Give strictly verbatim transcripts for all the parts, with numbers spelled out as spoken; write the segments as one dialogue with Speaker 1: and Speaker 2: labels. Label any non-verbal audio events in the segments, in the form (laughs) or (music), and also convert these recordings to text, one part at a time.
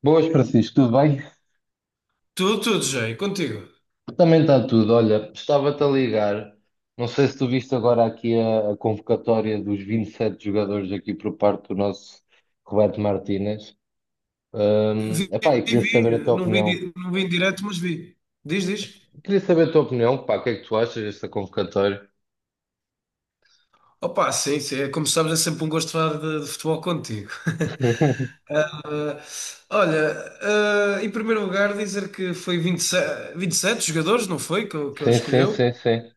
Speaker 1: Boas, Francisco, tudo bem?
Speaker 2: Tudo, tudo, Jay, contigo.
Speaker 1: Também está tudo. Olha, estava-te a ligar. Não sei se tu viste agora aqui a, a convocatória dos vinte e sete jogadores aqui por parte do nosso Roberto Martínez. Hum,
Speaker 2: Vi,
Speaker 1: epá, e queria saber a
Speaker 2: vi,
Speaker 1: tua
Speaker 2: não vi,
Speaker 1: opinião.
Speaker 2: di- não vi em direto, mas vi. Diz, diz.
Speaker 1: Queria saber a tua opinião, pá, o que é que tu achas desta convocatória?
Speaker 2: Opa, sim, sim, é, como sabes, é sempre um gosto falar de, de futebol contigo.
Speaker 1: (laughs)
Speaker 2: Olha, eh, em primeiro lugar, dizer que foi vinte e sete, vinte e sete jogadores, não foi? Que, eu- que ele
Speaker 1: Sim, sim,
Speaker 2: escolheu.
Speaker 1: sim, sim.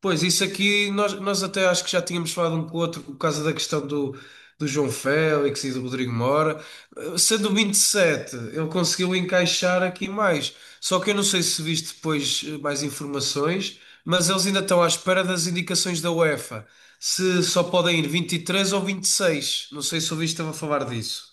Speaker 2: Pois, isso aqui nós, nós até acho que já tínhamos falado um com o outro por causa da questão do, do João Félix e do Rodrigo Mora. Eh, Sendo o vinte e sete, ele conseguiu encaixar aqui mais. Só que eu não sei se viste depois eh, mais informações, mas eles ainda estão à espera das indicações da UEFA. Se só podem ir vinte e três ou vinte e seis. Não sei se ouviste a falar disso.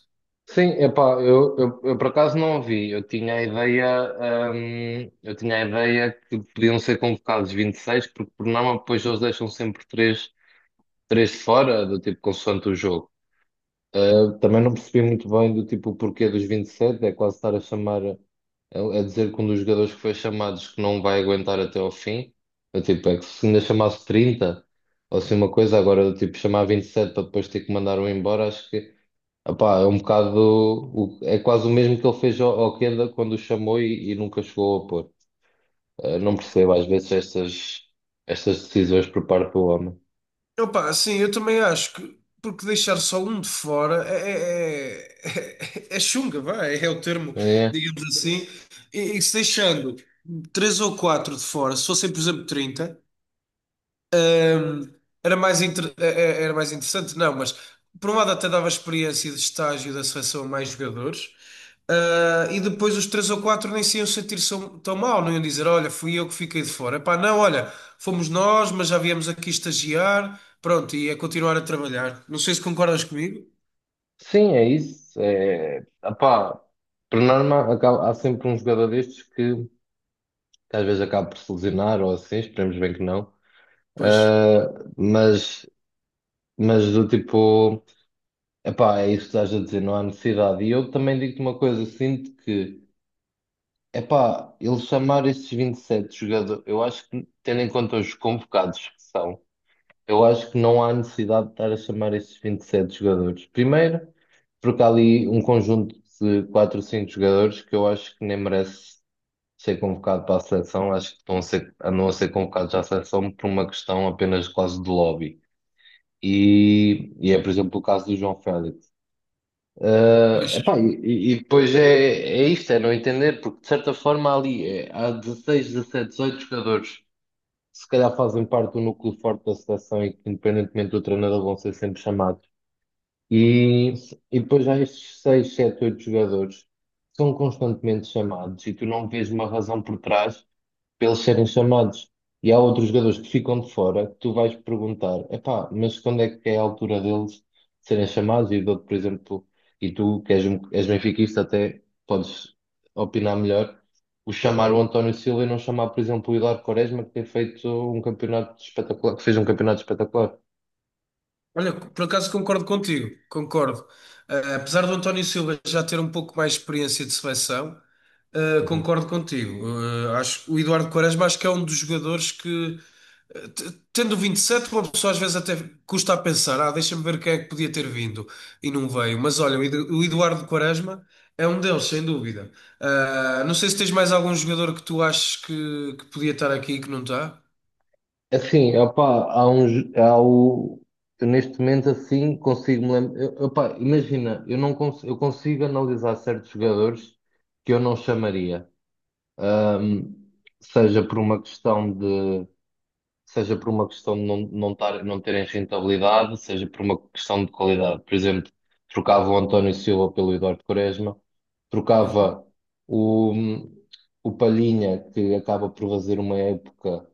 Speaker 1: Sim, epá, eu, eu, eu por acaso não ouvi. Eu tinha a ideia, hum, eu tinha a ideia que podiam ser convocados vinte e seis, porque por norma depois eles deixam sempre três três fora, do tipo consoante o jogo. Uh, também não percebi muito bem do tipo o porquê dos vinte e sete, é quase estar a chamar, a, a dizer que um dos jogadores que foi chamado diz que não vai aguentar até ao fim. Eu, tipo, é que se ainda chamasse trinta ou assim uma coisa, agora do tipo chamar vinte e sete para depois ter que mandar um embora, acho que opá, é um bocado, o- é quase o mesmo que ele fez ao, ao Kenda quando o chamou e, e nunca chegou a pôr. Uh, não percebo às vezes estas, estas decisões por parte do homem.
Speaker 2: Opa, sim, eu também acho que porque deixar só um de fora é, é, é, (laughs) é chunga, vá, é, o termo,
Speaker 1: É.
Speaker 2: digamos assim. E, e se deixando três ou quatro de fora, se fossem, por exemplo, trinta. Hum, era mais, inter- eh, eh, era mais interessante, não, mas por um lado até dava experiência de estágio da seleção a mais jogadores. Ah, e depois os três ou quatro nem se iam sentir so- tão mal, não iam dizer, olha, fui eu que fiquei de fora. Epá, não, olha, fomos nós, mas já viemos aqui estagiar, pronto, e a continuar a trabalhar. Não sei se concordas comigo.
Speaker 1: Sim, é isso. É, epá, por norma, acaba- há sempre um jogador destes que, que às vezes acaba por se lesionar ou assim, esperemos bem que não.
Speaker 2: Pois,
Speaker 1: Ah, mas, mas do tipo, epá, é isso que estás a dizer, não há necessidade. E eu também digo-te uma coisa, sinto que, epá, eles chamar esses vinte e sete jogadores, eu acho que, tendo em conta os convocados que são. Eu acho que não há necessidade de estar a chamar esses vinte e sete jogadores. Primeiro, porque há ali um conjunto de quatro ou cinco jogadores que eu acho que nem merece ser convocado para a seleção. Acho que estão a ser, andam a ser convocados à seleção por uma questão apenas quase de lobby. E, e é, por exemplo, o caso do João Félix. Ah,
Speaker 2: pois.
Speaker 1: epá, e, e depois é, é isto, é não entender, porque de certa forma há ali é, há dezesseis dezessete, dezoito jogadores se calhar fazem parte do núcleo forte da seleção e que, independentemente do treinador, vão ser sempre chamados. E, e depois há estes seis, sete, oito jogadores que são constantemente chamados e tu não vês uma razão por trás pelos serem chamados. E há outros jogadores que ficam de fora que tu vais perguntar, epá, mas quando é que é a altura deles serem chamados? E dou-te, por exemplo, e tu que és, um- és benfiquista até podes opinar melhor, o chamar o Uhum. António Silva e não chamar, por exemplo, o Hilário Quaresma, que tem feito um campeonato espetacular, que fez um campeonato espetacular.
Speaker 2: Olha, por acaso concordo contigo, concordo. Eh, apesar do António Silva já ter um pouco mais de experiência de seleção, eh, concordo contigo. Eh, acho o Eduardo Quaresma, acho que é um dos jogadores que, eh, t- tendo vinte e sete, uma pessoa às vezes até custa a pensar, ah, deixa-me ver quem é que podia ter vindo e não veio. Mas olha, o Edu- o Eduardo Quaresma é um deles, sem dúvida. Ah, não sei se tens mais algum jogador que tu achas que, que podia estar aqui e que não está.
Speaker 1: Assim, opá, há uns, há o, eu neste momento assim consigo me lembrar. Opá, imagina, eu não cons- eu consigo analisar certos jogadores que eu não chamaria, Ahm, seja por uma questão de seja por uma questão de não, não, tar, não terem rentabilidade, seja por uma questão de qualidade. Por exemplo, trocava o António Silva pelo Eduardo Quaresma,
Speaker 2: Uhum.
Speaker 1: trocava o, o Palhinha, que acaba por fazer uma época,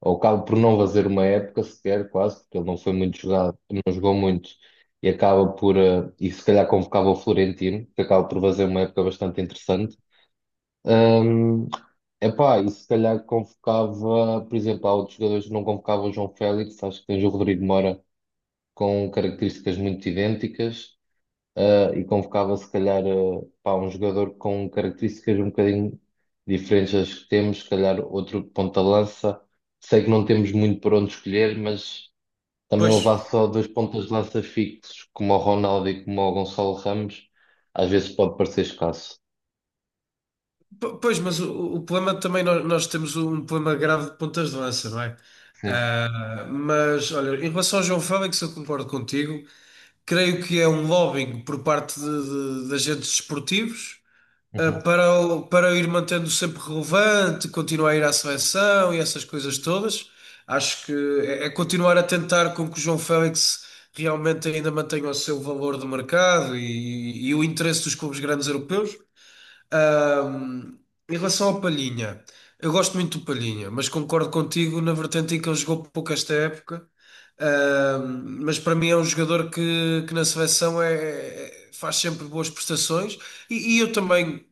Speaker 1: ou acaba por não fazer uma época sequer, quase, porque ele não foi muito jogado, não jogou muito, e acaba por, eh, e se calhar convocava o Florentino, que acaba por fazer uma época bastante interessante. Epá, e se calhar convocava, por exemplo, há outros jogadores que não convocava o João Félix, acho que tens o Rodrigo Moura com características muito idênticas, eh, e convocava se calhar eh, pá, um jogador com características um bocadinho diferentes das que temos, se calhar outro ponta-lança. Sei que não temos muito por onde escolher, mas também
Speaker 2: Pois.
Speaker 1: levar só dois pontas-lança fixos, como o Ronaldo e como o Gonçalo Ramos, às vezes pode parecer escasso.
Speaker 2: P- Pois, mas o, o problema também, nós, nós temos um problema grave de pontas de lança, não é?
Speaker 1: Sim.
Speaker 2: Ah, mas, olha, em relação ao João Félix, eu concordo contigo. Creio que é um lobbying por parte de, de- de agentes desportivos, ah, para, o- para o ir mantendo sempre relevante, continuar a ir à seleção e essas coisas todas. Acho que é, é continuar a tentar com que o João Félix realmente ainda mantenha o seu valor de mercado e, e o interesse dos clubes grandes europeus. Ahm, Em relação ao Palhinha, eu gosto muito do Palhinha, mas concordo contigo na vertente em que ele jogou pouco esta época. Ahm, mas para mim é um jogador que, que na seleção é, é- faz sempre boas prestações e, e eu também.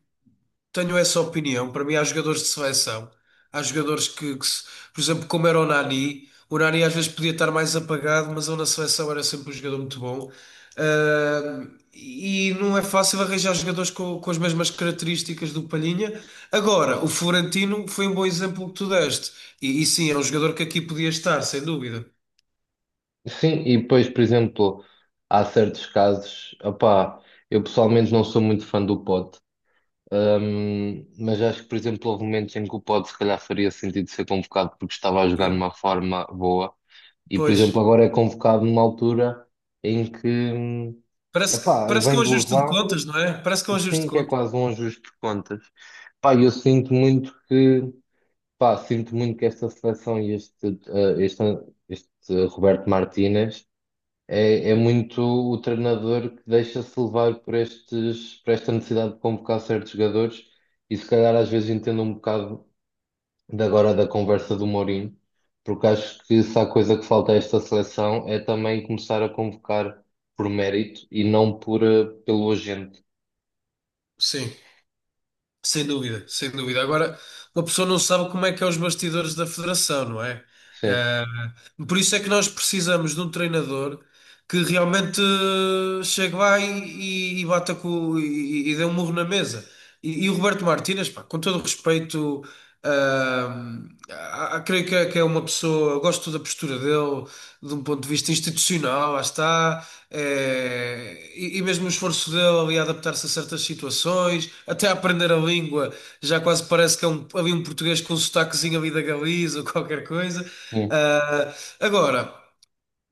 Speaker 2: Tenho essa opinião. Para mim, há jogadores de seleção. Há jogadores que, que se- por exemplo, como era o Nani, o Nani às vezes podia estar mais apagado, mas ele na seleção era sempre um jogador muito bom. Ah, e não é fácil arranjar jogadores com, com as mesmas características do Palhinha. Agora, o Florentino foi um bom exemplo que tu deste. E, e sim, é um jogador que aqui podia estar, sem dúvida.
Speaker 1: Sim, e depois, por exemplo, há certos casos, opá, eu pessoalmente não sou muito fã do pod, hum, mas acho que, por exemplo, houve momentos em que o pod se calhar faria sentido ser convocado porque estava a jogar
Speaker 2: E,
Speaker 1: numa forma boa e, por exemplo,
Speaker 2: pois,
Speaker 1: agora é convocado numa altura em que, hum,
Speaker 2: parece, que-
Speaker 1: epá,
Speaker 2: parece que é
Speaker 1: vem
Speaker 2: um
Speaker 1: de
Speaker 2: ajuste de
Speaker 1: lesão,
Speaker 2: contas, não é? Parece que é um ajuste de
Speaker 1: sim, que é
Speaker 2: contas.
Speaker 1: quase um ajuste de contas. Pá, eu sinto muito que, pá, sinto muito que esta seleção e este, eh, este, este Roberto Martínez é, é muito o treinador que deixa-se levar por estes, por esta necessidade de convocar certos jogadores e se calhar às vezes entendo um bocado de agora da conversa do Mourinho, porque acho que se há coisa que falta a esta seleção é também começar a convocar por mérito e não por, eh, pelo agente.
Speaker 2: Sim. Sem dúvida, sem dúvida. Agora, uma pessoa não sabe como é que é os bastidores da federação, não é?
Speaker 1: Sim,
Speaker 2: Eh, por isso é que nós precisamos de um treinador que realmente eh, chegue lá e, e- e bata com, e, e dê um murro na mesa. E, e o Roberto Martínez, pá, com todo o respeito. Ah, ah, Creio que é, que é uma pessoa, gosto da postura dele, de um ponto de vista institucional, lá está, eh, e, e mesmo o esforço dele ali a adaptar-se a certas situações, até a aprender a língua, já quase parece que é um, ali um português com um sotaquezinho ali da Galiza ou qualquer coisa.
Speaker 1: sim,
Speaker 2: Ah, agora.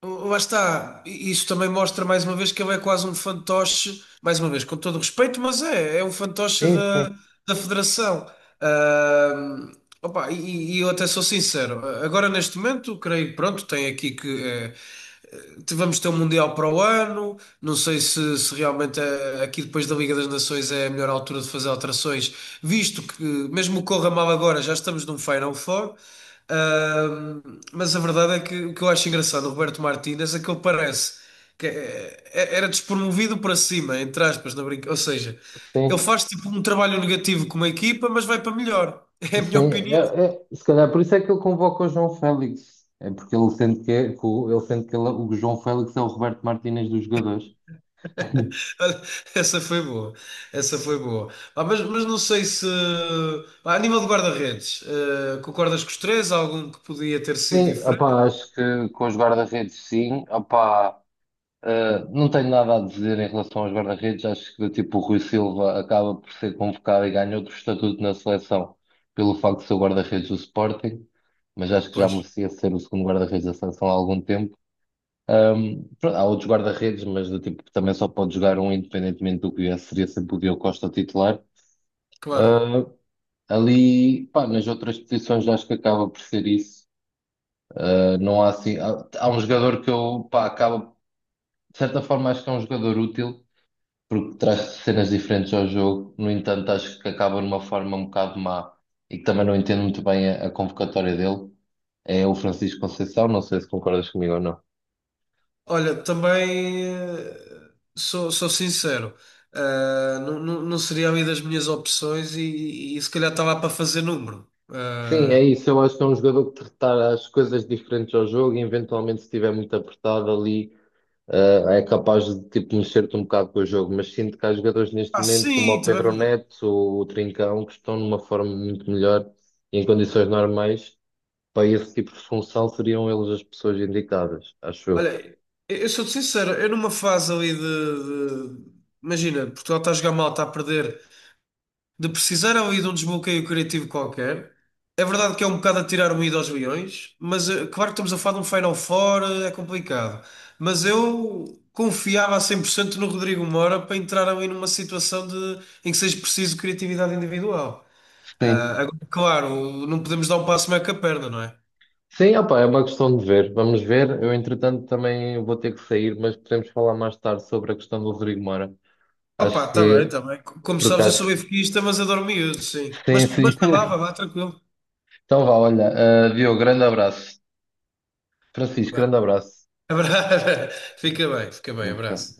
Speaker 2: Lá está, I- isso também mostra mais uma vez que ele é quase um fantoche, mais uma vez, com todo o respeito, mas é, é um fantoche
Speaker 1: sim,
Speaker 2: da,
Speaker 1: sim,
Speaker 2: da Federação. Ahm, Opa, e, e eu até sou sincero, agora neste momento, creio que pronto, tem aqui que, eh, te- vamos ter um Mundial para o ano. Não sei se, se realmente, eh, aqui depois da Liga das Nações é a melhor altura de fazer alterações, visto que, mesmo que corra mal agora, já estamos num Final Four. Ahm, mas a verdade é que o que eu acho engraçado, o Roberto Martínez, é que ele parece que eh, eh, era despromovido para cima, entre aspas, na brinca. Ou seja, ele
Speaker 1: sim.
Speaker 2: faz tipo um trabalho negativo com uma equipa, mas vai para melhor. (laughs) É a
Speaker 1: Sim.
Speaker 2: minha opinião.
Speaker 1: É- é- se calhar por isso é que ele convoca o João Félix, é porque ele sente que, é- que o, ele sente que ele- o João Félix é o Roberto Martínez dos jogadores.
Speaker 2: Olha, (laughs) essa foi boa, essa foi boa. Pá, mas, mas não sei se, pá, a nível de guarda-redes, eh, concordas com os três? Há algum que podia ter sido
Speaker 1: Sim,
Speaker 2: diferente?
Speaker 1: opá, acho que com os guarda-redes sim. Opá, eh, não tenho nada a dizer em relação aos guarda-redes. Acho que tipo, o Rui Silva acaba por ser convocado e ganha outro estatuto na seleção pelo facto de ser o guarda-redes do Sporting, mas acho que já
Speaker 2: Pois,
Speaker 1: merecia ser o segundo guarda-redes da seleção há algum tempo. Ahm, pronto, há outros guarda-redes, mas do tipo que também só pode jogar um independentemente do que viesse, seria sempre o Diogo Costa titular.
Speaker 2: claro.
Speaker 1: Ah, ali, pá, nas outras posições acho que acaba por ser isso. Uh, não há assim. Há, há um jogador que eu, pá, acaba. De certa forma, acho que é um jogador útil, porque traz cenas diferentes ao jogo. No entanto, acho que acaba numa forma um bocado má e que também não entendo muito bem a, a convocatória dele. É o Francisco Conceição, não sei se concordas comigo ou não.
Speaker 2: Olha, também, eh, sou, sou sincero, eh, não, não, não seria a minha, das minhas opções e, e se calhar estava para fazer número.
Speaker 1: Sim,
Speaker 2: Eh,
Speaker 1: é isso. Eu acho que é um jogador que traz as coisas diferentes ao jogo e, eventualmente, se estiver muito apertado ali. Uh, é capaz de tipo, mexer-te um bocado com o jogo, mas sinto que há jogadores neste
Speaker 2: ah,
Speaker 1: momento, como
Speaker 2: sim,
Speaker 1: o
Speaker 2: também.
Speaker 1: Pedro
Speaker 2: É verdade.
Speaker 1: Neto ou o Trincão, que estão numa forma muito melhor e em condições normais, para esse tipo de função seriam eles as pessoas indicadas, acho eu.
Speaker 2: Olha, eu eu sou-te sincero, eu numa fase ali de, de- imagina, Portugal está a jogar mal, está a perder, de precisar ali de um desbloqueio criativo qualquer. É verdade que é um bocado a tirar o ido aos leões, mas, eh, claro que estamos a falar de um Final Four, eh, é complicado. Mas eu confiava a cem por cento no Rodrigo Moura para entrar ali numa situação de, em que seja preciso criatividade individual.
Speaker 1: Sim.
Speaker 2: Ah, agora, claro, não podemos dar um passo meio com a perna, não é?
Speaker 1: Sim, opá, é uma questão de ver. Vamos ver. Eu, entretanto, também vou ter que sair, mas podemos falar mais tarde sobre a questão do Rodrigo Moura.
Speaker 2: Opa,
Speaker 1: Acho
Speaker 2: está bem,
Speaker 1: que,
Speaker 2: está bem. Co- Como
Speaker 1: por
Speaker 2: sabes, eu sou
Speaker 1: acaso.
Speaker 2: benfiquista, mas adoro miúdos, sim. Mas,
Speaker 1: Sim, sim.
Speaker 2: mas não vá, vá,
Speaker 1: (laughs)
Speaker 2: vá, tranquilo.
Speaker 1: Então vá, olha. Uh, Diogo, grande abraço. Francisco,
Speaker 2: Vá.
Speaker 1: grande abraço.
Speaker 2: Abra- (laughs) Fica bem, fica bem, abraço.